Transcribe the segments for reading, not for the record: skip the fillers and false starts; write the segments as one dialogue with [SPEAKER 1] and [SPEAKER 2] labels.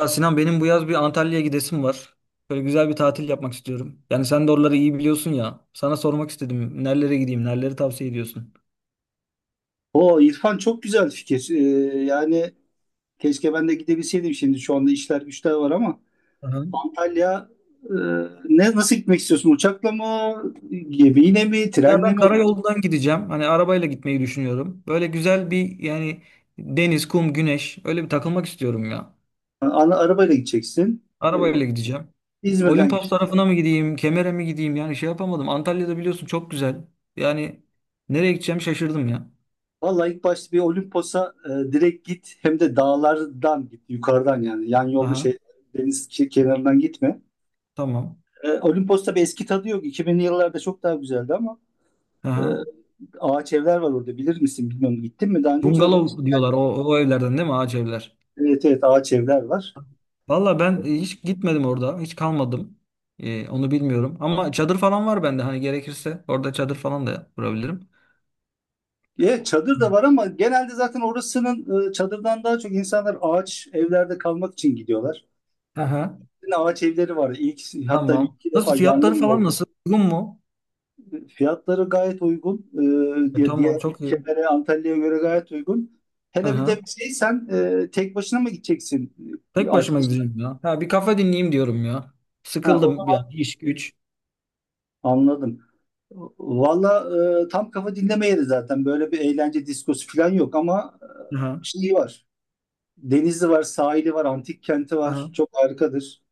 [SPEAKER 1] Ya Sinan benim bu yaz bir Antalya'ya gidesim var. Böyle güzel bir tatil yapmak istiyorum. Yani sen de oraları iyi biliyorsun ya. Sana sormak istedim. Nerelere gideyim? Nereleri tavsiye ediyorsun?
[SPEAKER 2] O İrfan çok güzel fikir. Yani keşke ben de gidebilseydim şimdi. Şu anda işler güçler var ama
[SPEAKER 1] Aha.
[SPEAKER 2] Antalya e, ne Nasıl gitmek istiyorsun? Uçakla mı, gemiyle mi,
[SPEAKER 1] Ya
[SPEAKER 2] trenle
[SPEAKER 1] ben
[SPEAKER 2] mi?
[SPEAKER 1] karayolundan gideceğim. Hani arabayla gitmeyi düşünüyorum. Böyle güzel bir yani deniz, kum, güneş. Öyle bir takılmak istiyorum ya.
[SPEAKER 2] Ana, arabayla gideceksin. Ee,
[SPEAKER 1] Arabayla gideceğim.
[SPEAKER 2] İzmir'den
[SPEAKER 1] Olimpos
[SPEAKER 2] gideceksin.
[SPEAKER 1] tarafına mı gideyim? Kemer'e mi gideyim? Yani şey yapamadım. Antalya'da biliyorsun çok güzel. Yani nereye gideceğim şaşırdım ya.
[SPEAKER 2] Vallahi ilk başta bir Olimpos'a direkt git. Hem de dağlardan git. Yukarıdan yani. Yan yolda
[SPEAKER 1] Aha,
[SPEAKER 2] şey deniz kenarından gitme.
[SPEAKER 1] tamam.
[SPEAKER 2] Olimpos'ta bir eski tadı yok. 2000'li yıllarda çok daha güzeldi ama e,
[SPEAKER 1] Aha.
[SPEAKER 2] ağaç evler var orada. Bilir misin bilmiyorum. Gittin mi daha önce, yoksa?
[SPEAKER 1] Bungalov diyorlar o, o evlerden değil mi? Ağaç evler.
[SPEAKER 2] Evet, evet, ağaç evler var.
[SPEAKER 1] Valla ben hiç gitmedim orada. Hiç kalmadım. Onu bilmiyorum. Ama çadır falan var bende. Hani gerekirse orada çadır falan da kurabilirim.
[SPEAKER 2] Çadır da var ama genelde zaten orasının çadırdan daha çok insanlar ağaç evlerde kalmak için gidiyorlar.
[SPEAKER 1] Aha,
[SPEAKER 2] Yine ağaç evleri var. İlk, hatta bir
[SPEAKER 1] tamam.
[SPEAKER 2] iki
[SPEAKER 1] Nasıl
[SPEAKER 2] defa
[SPEAKER 1] fiyatları
[SPEAKER 2] yangın da
[SPEAKER 1] falan
[SPEAKER 2] oldu.
[SPEAKER 1] nasıl? Uygun mu?
[SPEAKER 2] Fiyatları gayet uygun. E,
[SPEAKER 1] E,
[SPEAKER 2] diğer
[SPEAKER 1] tamam
[SPEAKER 2] diğer
[SPEAKER 1] çok iyi.
[SPEAKER 2] ülkelere Antalya'ya göre gayet uygun. Hele bir de
[SPEAKER 1] Aha.
[SPEAKER 2] şey, sen tek başına mı gideceksin?
[SPEAKER 1] Tek başıma
[SPEAKER 2] Arkadaşlar?
[SPEAKER 1] gideceğim ya. Ha, bir kafe dinleyeyim diyorum ya.
[SPEAKER 2] Ha, o
[SPEAKER 1] Sıkıldım
[SPEAKER 2] zaman
[SPEAKER 1] yani iş güç.
[SPEAKER 2] anladım. Valla tam kafa dinleme yeri zaten. Böyle bir eğlence diskosu falan yok ama
[SPEAKER 1] Aha,
[SPEAKER 2] şey var. Denizi var, sahili var, antik kenti var.
[SPEAKER 1] aha.
[SPEAKER 2] Çok harikadır.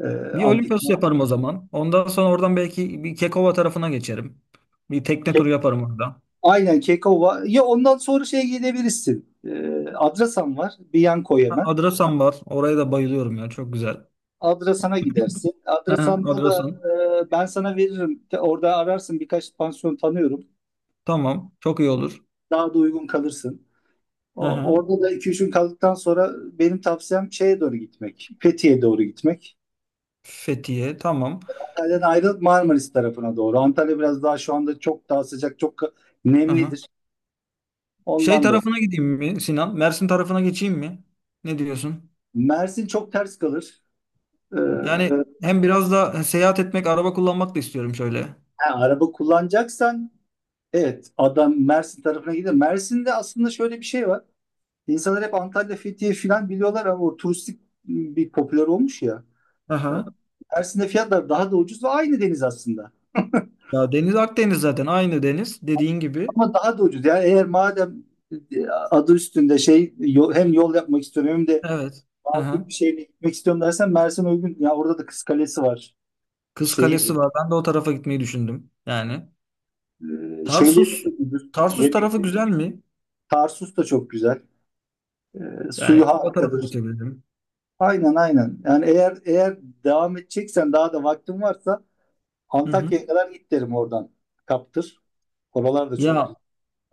[SPEAKER 2] Ee,
[SPEAKER 1] Bir
[SPEAKER 2] antik
[SPEAKER 1] Olimpos yaparım o zaman. Ondan sonra oradan belki bir Kekova tarafına geçerim. Bir tekne
[SPEAKER 2] Ke-
[SPEAKER 1] turu yaparım orada.
[SPEAKER 2] Aynen, Kekova. Ya ondan sonra şeye gidebilirsin. Adrasan var. Bir yan koy
[SPEAKER 1] Ha,
[SPEAKER 2] hemen.
[SPEAKER 1] Adrasan var. Oraya da bayılıyorum ya. Çok güzel.
[SPEAKER 2] Adrasan'a gidersin.
[SPEAKER 1] Aha,
[SPEAKER 2] Adrasan'da da
[SPEAKER 1] Adrasan.
[SPEAKER 2] ben sana veririm. Orada ararsın, birkaç pansiyon tanıyorum.
[SPEAKER 1] Tamam. Çok iyi olur.
[SPEAKER 2] Daha da uygun kalırsın.
[SPEAKER 1] Hı hı.
[SPEAKER 2] Orada da iki üç gün kaldıktan sonra benim tavsiyem şeye doğru gitmek. Fethiye'ye doğru gitmek.
[SPEAKER 1] Fethiye. Tamam.
[SPEAKER 2] Antalya'dan ayrılıp Marmaris tarafına doğru. Antalya biraz daha şu anda çok daha sıcak, çok
[SPEAKER 1] Aha.
[SPEAKER 2] nemlidir.
[SPEAKER 1] Şey
[SPEAKER 2] Ondan dolayı.
[SPEAKER 1] tarafına gideyim mi Sinan? Mersin tarafına geçeyim mi? Ne diyorsun?
[SPEAKER 2] Mersin çok ters kalır. Ee,
[SPEAKER 1] Yani hem biraz da seyahat etmek, araba kullanmak da istiyorum şöyle.
[SPEAKER 2] ha, araba kullanacaksan evet adam Mersin tarafına gider. Mersin'de aslında şöyle bir şey var. İnsanlar hep Antalya, Fethiye falan biliyorlar ama o turistik bir popüler olmuş ya.
[SPEAKER 1] Hı
[SPEAKER 2] Ee,
[SPEAKER 1] hı.
[SPEAKER 2] Mersin'de fiyatlar daha da ucuz ve aynı deniz aslında.
[SPEAKER 1] Ya deniz Akdeniz zaten aynı deniz dediğin gibi.
[SPEAKER 2] Ama daha da ucuz. Yani eğer madem adı üstünde şey, hem yol yapmak istiyorum hem de
[SPEAKER 1] Evet.
[SPEAKER 2] makul bir
[SPEAKER 1] Aha.
[SPEAKER 2] şeyle gitmek istiyorum dersen Mersin uygun. Ya orada da Kız Kalesi var.
[SPEAKER 1] Kız
[SPEAKER 2] Şehir.
[SPEAKER 1] Kalesi var. Ben de o tarafa gitmeyi düşündüm. Yani
[SPEAKER 2] Şeyleri de
[SPEAKER 1] Tarsus
[SPEAKER 2] çok ucuz.
[SPEAKER 1] Tarsus tarafı
[SPEAKER 2] Yemekli.
[SPEAKER 1] güzel mi?
[SPEAKER 2] Tarsus da çok güzel.
[SPEAKER 1] Yani
[SPEAKER 2] Suyu
[SPEAKER 1] o tarafa
[SPEAKER 2] harikadır.
[SPEAKER 1] geçebilirim.
[SPEAKER 2] Aynen, aynen. Yani eğer devam edeceksen, daha da vaktin varsa
[SPEAKER 1] Hı hı.
[SPEAKER 2] Antakya'ya kadar git derim oradan. Kaptır. Oralar da çok güzel.
[SPEAKER 1] Ya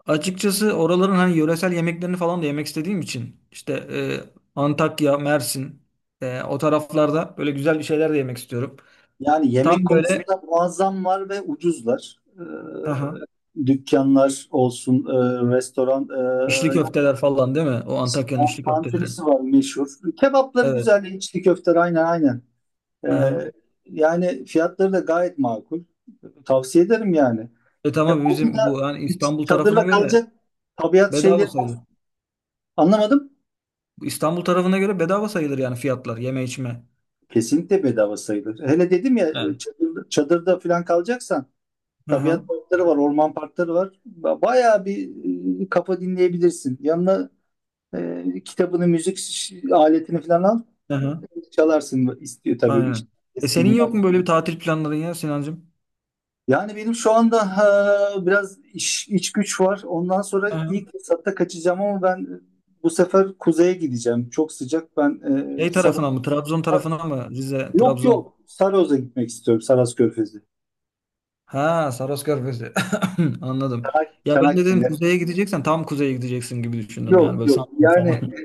[SPEAKER 1] açıkçası oraların hani yöresel yemeklerini falan da yemek istediğim için işte Antakya, Mersin o taraflarda böyle güzel bir şeyler de yemek istiyorum.
[SPEAKER 2] Yani yemek
[SPEAKER 1] Tam böyle,
[SPEAKER 2] konusunda muazzam var ve ucuzlar.
[SPEAKER 1] aha,
[SPEAKER 2] Dükkanlar olsun, restoran, e,
[SPEAKER 1] içli köfteler falan değil mi? O Antakya'nın
[SPEAKER 2] Sinan
[SPEAKER 1] içli köfteleri.
[SPEAKER 2] Tantunisi var meşhur. Kebapları
[SPEAKER 1] Evet.
[SPEAKER 2] güzel, içli köfteler, aynen, aynen.
[SPEAKER 1] Aha.
[SPEAKER 2] Ee, Yani fiyatları da gayet makul. Tavsiye ederim yani.
[SPEAKER 1] E
[SPEAKER 2] Ya
[SPEAKER 1] tamam,
[SPEAKER 2] orada
[SPEAKER 1] bizim bu
[SPEAKER 2] da
[SPEAKER 1] yani
[SPEAKER 2] hiç
[SPEAKER 1] İstanbul tarafına
[SPEAKER 2] çadırla
[SPEAKER 1] göre
[SPEAKER 2] kalacak tabiat
[SPEAKER 1] bedava
[SPEAKER 2] şeyleri,
[SPEAKER 1] sayılır.
[SPEAKER 2] anlamadım.
[SPEAKER 1] İstanbul tarafına göre bedava sayılır yani fiyatlar, yeme içme.
[SPEAKER 2] Kesinlikle bedava sayılır. Hele dedim ya,
[SPEAKER 1] Yani.
[SPEAKER 2] çadırda falan kalacaksan
[SPEAKER 1] Aha,
[SPEAKER 2] tabiat parkları var, orman parkları var. Bayağı bir kafa dinleyebilirsin. Yanına kitabını, müzik aletini falan al.
[SPEAKER 1] aha,
[SPEAKER 2] Çalarsın istiyor tabii
[SPEAKER 1] aynen. E
[SPEAKER 2] eski
[SPEAKER 1] senin yok mu
[SPEAKER 2] günlerde.
[SPEAKER 1] böyle bir tatil planların ya Sinancığım?
[SPEAKER 2] Yani benim şu anda ha, biraz iş, iç güç var. Ondan sonra
[SPEAKER 1] Aha.
[SPEAKER 2] ilk fırsatta kaçacağım ama ben bu sefer kuzeye gideceğim. Çok sıcak. Ben
[SPEAKER 1] Şey
[SPEAKER 2] bir.
[SPEAKER 1] tarafına mı? Trabzon tarafına mı? Rize,
[SPEAKER 2] Yok,
[SPEAKER 1] Trabzon.
[SPEAKER 2] yok. Saros'a gitmek istiyorum. Saros Körfezi.
[SPEAKER 1] Ha, Saros Körfezi. Anladım. Ya ben de dedim
[SPEAKER 2] Çanakkale.
[SPEAKER 1] kuzeye gideceksen tam kuzeye gideceksin gibi düşündüm yani
[SPEAKER 2] Yok,
[SPEAKER 1] böyle
[SPEAKER 2] yok.
[SPEAKER 1] Samsun
[SPEAKER 2] Yani
[SPEAKER 1] falan.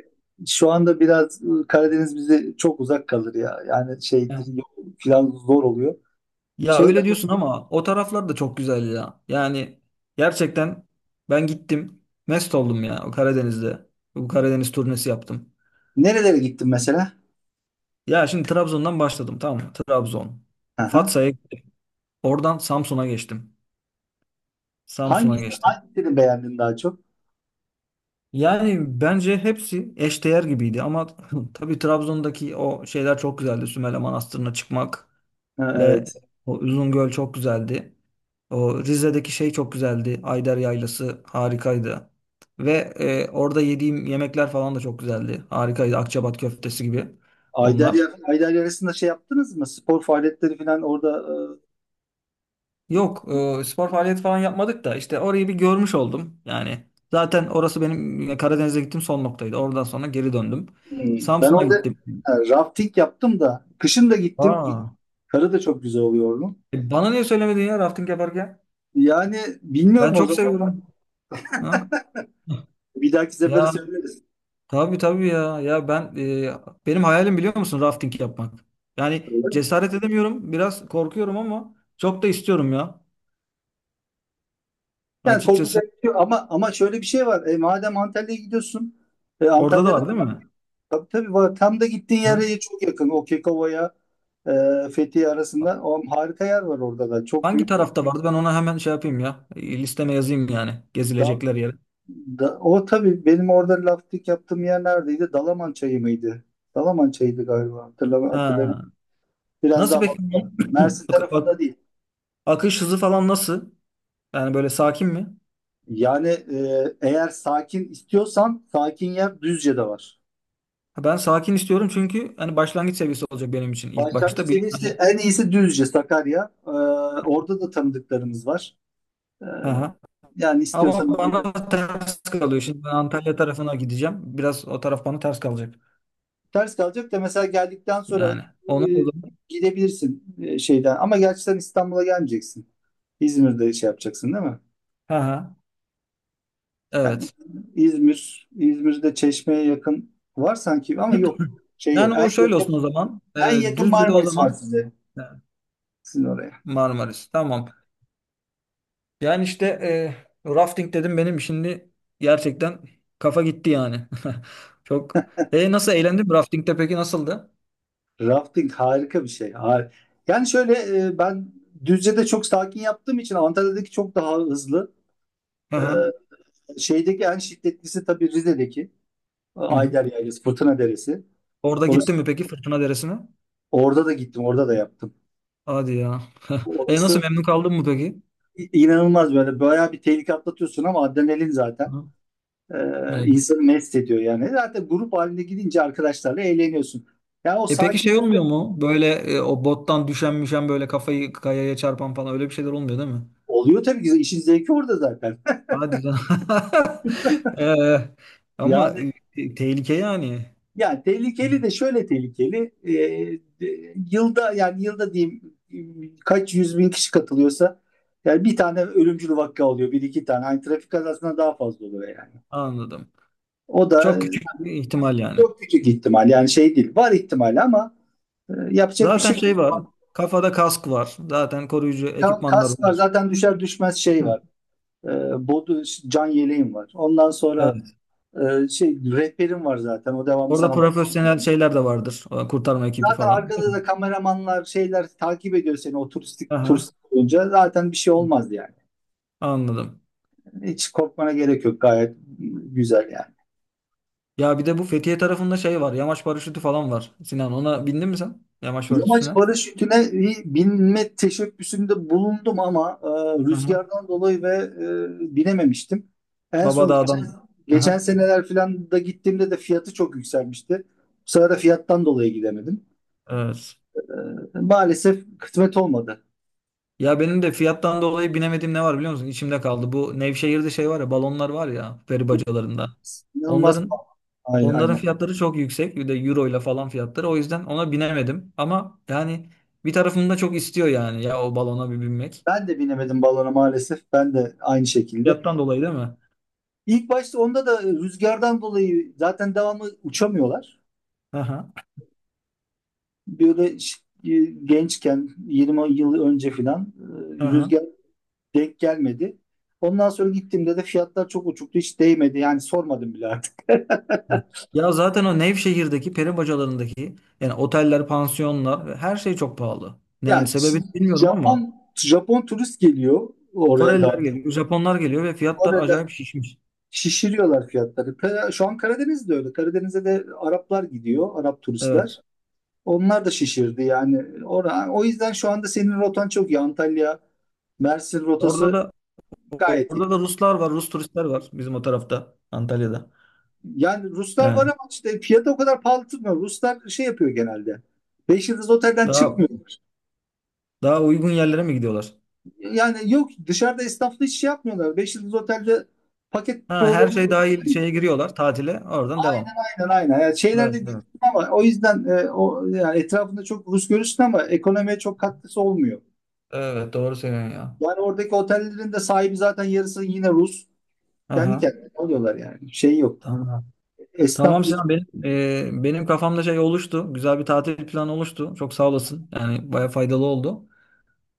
[SPEAKER 2] şu anda biraz Karadeniz bize çok uzak kalır ya. Yani
[SPEAKER 1] Ya
[SPEAKER 2] şeydir, yol falan zor oluyor.
[SPEAKER 1] Ya
[SPEAKER 2] Şeyde
[SPEAKER 1] öyle diyorsun ama o taraflar da çok güzel ya. Yani gerçekten ben gittim. Mest oldum ya o Karadeniz'de. Bu Karadeniz turnesi yaptım.
[SPEAKER 2] nerelere gittin mesela?
[SPEAKER 1] Ya şimdi Trabzon'dan başladım, tamam mı? Trabzon.
[SPEAKER 2] Aha.
[SPEAKER 1] Fatsa'ya, oradan Samsun'a geçtim. Samsun'a
[SPEAKER 2] Hangisi,
[SPEAKER 1] geçtim.
[SPEAKER 2] hangisini beğendin daha çok?
[SPEAKER 1] Yani bence hepsi eşdeğer gibiydi ama tabii Trabzon'daki o şeyler çok güzeldi. Sümele Manastırı'na çıkmak.
[SPEAKER 2] Ha,
[SPEAKER 1] Ve
[SPEAKER 2] evet.
[SPEAKER 1] o uzun çok güzeldi. O Rize'deki şey çok güzeldi. Ayder Yaylası harikaydı. Ve orada yediğim yemekler falan da çok güzeldi. Harikaydı. Akçabat köftesi gibi onlar.
[SPEAKER 2] Ayderyarı'nda şey yaptınız mı? Spor faaliyetleri falan orada
[SPEAKER 1] Yok, spor faaliyet falan yapmadık da işte orayı bir görmüş oldum. Yani zaten orası benim Karadeniz'e gittim son noktaydı. Oradan sonra geri döndüm.
[SPEAKER 2] e, hmm. Ben
[SPEAKER 1] Samsun'a
[SPEAKER 2] orada
[SPEAKER 1] gittim.
[SPEAKER 2] ha, rafting yaptım da kışın da gittim.
[SPEAKER 1] Aa,
[SPEAKER 2] Karı da çok güzel oluyor onun.
[SPEAKER 1] bana niye söylemedin ya rafting yaparken?
[SPEAKER 2] Yani
[SPEAKER 1] Ben
[SPEAKER 2] bilmiyorum o
[SPEAKER 1] çok
[SPEAKER 2] zaman.
[SPEAKER 1] seviyorum. Ha?
[SPEAKER 2] Bir dahaki sefere
[SPEAKER 1] Ya
[SPEAKER 2] söyleriz.
[SPEAKER 1] tabii tabii ya. Ya ben benim hayalim biliyor musun rafting yapmak. Yani cesaret edemiyorum. Biraz korkuyorum ama çok da istiyorum ya.
[SPEAKER 2] Yani
[SPEAKER 1] Açıkçası
[SPEAKER 2] korkacak bir şey yok. Ama şöyle bir şey var. Madem Antalya'ya gidiyorsun,
[SPEAKER 1] orada da
[SPEAKER 2] Antalya'da
[SPEAKER 1] var değil mi?
[SPEAKER 2] tabii, tabii var. Tam da gittiğin
[SPEAKER 1] Ya.
[SPEAKER 2] yere çok yakın. O Kekova'ya Fethiye arasında o harika yer var orada da. Çok
[SPEAKER 1] Hangi
[SPEAKER 2] büyük.
[SPEAKER 1] tarafta vardı? Ben ona hemen şey yapayım ya. Listeme yazayım yani
[SPEAKER 2] Da,
[SPEAKER 1] gezilecekler yere.
[SPEAKER 2] o tabii benim orada laftik yaptığım yer neredeydi? Dalaman Çayı mıydı? Dalaman Çayı'ydı galiba. Hatırlamıyorum. Hatırlamıyorum.
[SPEAKER 1] Ha.
[SPEAKER 2] Biraz
[SPEAKER 1] Nasıl
[SPEAKER 2] daha
[SPEAKER 1] peki
[SPEAKER 2] batıda.
[SPEAKER 1] bunun
[SPEAKER 2] Mersin
[SPEAKER 1] ak-
[SPEAKER 2] tarafında
[SPEAKER 1] ak-
[SPEAKER 2] değil.
[SPEAKER 1] akış hızı falan nasıl? Yani böyle sakin mi?
[SPEAKER 2] Yani eğer sakin istiyorsan, sakin yer Düzce'de var.
[SPEAKER 1] Ha, ben sakin istiyorum çünkü hani başlangıç seviyesi olacak benim için ilk
[SPEAKER 2] Başlangıç
[SPEAKER 1] başta bir.
[SPEAKER 2] seviyesi en iyisi Düzce, Sakarya. Orada da tanıdıklarımız var. Ee,
[SPEAKER 1] Hani
[SPEAKER 2] Yani
[SPEAKER 1] ama
[SPEAKER 2] istiyorsan
[SPEAKER 1] bana ters kalıyor. Şimdi ben Antalya tarafına gideceğim. Biraz o taraf bana ters kalacak.
[SPEAKER 2] ters kalacak da mesela geldikten sonra
[SPEAKER 1] Yani
[SPEAKER 2] e,
[SPEAKER 1] ona o zaman.
[SPEAKER 2] gidebilirsin şeyden. Ama gerçi sen İstanbul'a gelmeyeceksin. İzmir'de şey yapacaksın değil mi?
[SPEAKER 1] Hı. Ha.
[SPEAKER 2] Yani
[SPEAKER 1] Evet.
[SPEAKER 2] İzmir'de Çeşme'ye yakın var sanki ama yok. Şey,
[SPEAKER 1] Yani o şöyle olsun o zaman.
[SPEAKER 2] en yakın
[SPEAKER 1] Düzce'de o
[SPEAKER 2] Marmaris var
[SPEAKER 1] zaman,
[SPEAKER 2] size.
[SPEAKER 1] e,
[SPEAKER 2] Sizin oraya.
[SPEAKER 1] Marmaris. Tamam. Yani işte rafting dedim, benim şimdi gerçekten kafa gitti yani. Çok. E nasıl, eğlendin mi? Rafting'de peki nasıldı?
[SPEAKER 2] Rafting harika bir şey. Yani şöyle, ben Düzce'de çok sakin yaptığım için Antalya'daki çok daha hızlı.
[SPEAKER 1] Hı
[SPEAKER 2] E,
[SPEAKER 1] hı.
[SPEAKER 2] Şeydeki en şiddetlisi tabii Rize'deki
[SPEAKER 1] Hı hı.
[SPEAKER 2] Ayder Yaylası, Fırtına Deresi.
[SPEAKER 1] Orada
[SPEAKER 2] Orası,
[SPEAKER 1] gittin mi peki Fırtına Deresi'ne?
[SPEAKER 2] orada da gittim, orada da yaptım.
[SPEAKER 1] Hadi ya. E nasıl,
[SPEAKER 2] Orası
[SPEAKER 1] memnun kaldın mı peki?
[SPEAKER 2] inanılmaz, böyle bayağı bir tehlike atlatıyorsun ama adrenalin zaten
[SPEAKER 1] Hı.
[SPEAKER 2] e,
[SPEAKER 1] Evet.
[SPEAKER 2] insanı mest ediyor yani. Zaten grup halinde gidince arkadaşlarla eğleniyorsun. Ya o
[SPEAKER 1] E peki
[SPEAKER 2] sakin
[SPEAKER 1] şey olmuyor mu? Böyle o bottan düşen müşen, böyle kafayı kayaya çarpan falan, öyle bir şeyler olmuyor değil mi?
[SPEAKER 2] oluyor tabii ki, işin zevki orada zaten.
[SPEAKER 1] Hadi lan. Ee, ama
[SPEAKER 2] Yani
[SPEAKER 1] tehlike yani.
[SPEAKER 2] Yani tehlikeli de şöyle tehlikeli. Yılda, yani yılda diyeyim, e, kaç yüz bin kişi katılıyorsa, yani bir tane ölümcül vaka oluyor. Bir iki tane. Hani trafik kazasından daha fazla oluyor yani.
[SPEAKER 1] Anladım.
[SPEAKER 2] O da
[SPEAKER 1] Çok küçük bir ihtimal yani.
[SPEAKER 2] çok küçük ihtimal. Yani şey değil. Var ihtimali ama yapacak bir
[SPEAKER 1] Zaten
[SPEAKER 2] şey
[SPEAKER 1] şey var.
[SPEAKER 2] yok.
[SPEAKER 1] Kafada kask var. Zaten koruyucu ekipmanlar
[SPEAKER 2] Kask var
[SPEAKER 1] var.
[SPEAKER 2] zaten, düşer düşmez şey
[SPEAKER 1] Hı.
[SPEAKER 2] var. E, Bodu can yeleğim var. Ondan sonra
[SPEAKER 1] Evet.
[SPEAKER 2] şey rehberim var zaten. O devamlı
[SPEAKER 1] Orada
[SPEAKER 2] sana bakmaz.
[SPEAKER 1] profesyonel şeyler de vardır. O kurtarma ekibi
[SPEAKER 2] Zaten
[SPEAKER 1] falan. Değil
[SPEAKER 2] arkada
[SPEAKER 1] mi?
[SPEAKER 2] da kameramanlar, şeyler takip ediyor seni, o turistik
[SPEAKER 1] Aha.
[SPEAKER 2] turistik olunca zaten bir şey olmaz yani.
[SPEAKER 1] Anladım.
[SPEAKER 2] Hiç korkmana gerek yok, gayet güzel yani.
[SPEAKER 1] Ya bir de bu Fethiye tarafında şey var. Yamaç paraşütü falan var. Sinan, ona bindin mi sen? Yamaç
[SPEAKER 2] Yamaç
[SPEAKER 1] paraşütüne.
[SPEAKER 2] paraşütüne bir binme teşebbüsünde bulundum ama
[SPEAKER 1] Aha.
[SPEAKER 2] rüzgardan dolayı ve binememiştim. En son
[SPEAKER 1] Babadağ'dan.
[SPEAKER 2] geçen
[SPEAKER 1] Aha.
[SPEAKER 2] seneler falan da gittiğimde de fiyatı çok yükselmişti. Bu sefer de fiyattan dolayı gidemedim.
[SPEAKER 1] Evet.
[SPEAKER 2] E, Maalesef kısmet olmadı.
[SPEAKER 1] Ya benim de fiyattan dolayı binemediğim ne var biliyor musun? İçimde kaldı. Bu Nevşehir'de şey var ya, balonlar var ya, peri bacalarında.
[SPEAKER 2] İnanılmaz
[SPEAKER 1] Onların
[SPEAKER 2] pahalı. Aynen,
[SPEAKER 1] onların
[SPEAKER 2] aynen.
[SPEAKER 1] fiyatları çok yüksek. Bir de euro ile falan fiyatları. O yüzden ona binemedim. Ama yani bir tarafım da çok istiyor yani ya, o balona bir binmek.
[SPEAKER 2] Ben de binemedim balona maalesef. Ben de aynı şekilde.
[SPEAKER 1] Fiyattan dolayı değil mi?
[SPEAKER 2] İlk başta onda da rüzgardan dolayı zaten devamlı uçamıyorlar.
[SPEAKER 1] Aha.
[SPEAKER 2] Böyle gençken 20 yıl önce filan,
[SPEAKER 1] Aha.
[SPEAKER 2] rüzgar denk gelmedi. Ondan sonra gittiğimde de fiyatlar çok uçuktu. Hiç değmedi. Yani sormadım bile artık.
[SPEAKER 1] Ya zaten o Nevşehir'deki peri bacalarındaki yani oteller, pansiyonlar, her şey çok pahalı. Yani
[SPEAKER 2] Yani
[SPEAKER 1] sebebi bilmiyorum ama
[SPEAKER 2] Japon Japon turist geliyor oraya
[SPEAKER 1] Koreliler
[SPEAKER 2] da.
[SPEAKER 1] geliyor, Japonlar geliyor ve fiyatlar
[SPEAKER 2] Orada
[SPEAKER 1] acayip şişmiş.
[SPEAKER 2] şişiriyorlar fiyatları. Şu an Karadeniz'de öyle. Karadeniz'e de Araplar gidiyor. Arap turistler.
[SPEAKER 1] Evet.
[SPEAKER 2] Onlar da şişirdi yani. O yüzden şu anda senin rotan çok iyi. Antalya, Mersin
[SPEAKER 1] Orada
[SPEAKER 2] rotası
[SPEAKER 1] da
[SPEAKER 2] gayet iyi.
[SPEAKER 1] orada da Ruslar var, Rus turistler var bizim o tarafta, Antalya'da.
[SPEAKER 2] Yani Ruslar var
[SPEAKER 1] Yani
[SPEAKER 2] ama işte fiyatı o kadar pahalı tutmuyor. Ruslar şey yapıyor genelde. Beş yıldız otelden
[SPEAKER 1] daha
[SPEAKER 2] çıkmıyorlar.
[SPEAKER 1] daha uygun yerlere mi gidiyorlar?
[SPEAKER 2] Yani yok, dışarıda esnafla hiç şey yapmıyorlar. Beş yıldız otelde paket
[SPEAKER 1] Ha, her
[SPEAKER 2] programı,
[SPEAKER 1] şey dahil şeye giriyorlar tatile. Oradan devam.
[SPEAKER 2] aynen, aynen. Yani şeylerde
[SPEAKER 1] Evet, evet.
[SPEAKER 2] görürsün ama o yüzden, o yani etrafında çok Rus görürsün ama ekonomiye çok katkısı olmuyor.
[SPEAKER 1] Evet, doğru söylüyorsun ya.
[SPEAKER 2] Yani oradaki otellerin de sahibi zaten yarısı yine Rus. Kendi
[SPEAKER 1] Aha.
[SPEAKER 2] kendine alıyorlar yani. Şey yok.
[SPEAKER 1] Tamam.
[SPEAKER 2] Esnaf
[SPEAKER 1] Tamam
[SPEAKER 2] bizden.
[SPEAKER 1] Sinan, benim benim kafamda şey oluştu. Güzel bir tatil planı oluştu. Çok sağ olasın. Yani baya faydalı oldu.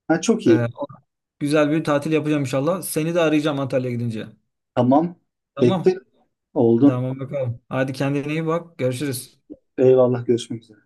[SPEAKER 2] Ha, çok
[SPEAKER 1] E,
[SPEAKER 2] iyi.
[SPEAKER 1] güzel bir tatil yapacağım inşallah. Seni de arayacağım Antalya'ya gidince.
[SPEAKER 2] Tamam.
[SPEAKER 1] Tamam.
[SPEAKER 2] Bekle. Oldu.
[SPEAKER 1] Tamam bakalım. Hadi kendine iyi bak. Görüşürüz.
[SPEAKER 2] Eyvallah. Görüşmek üzere.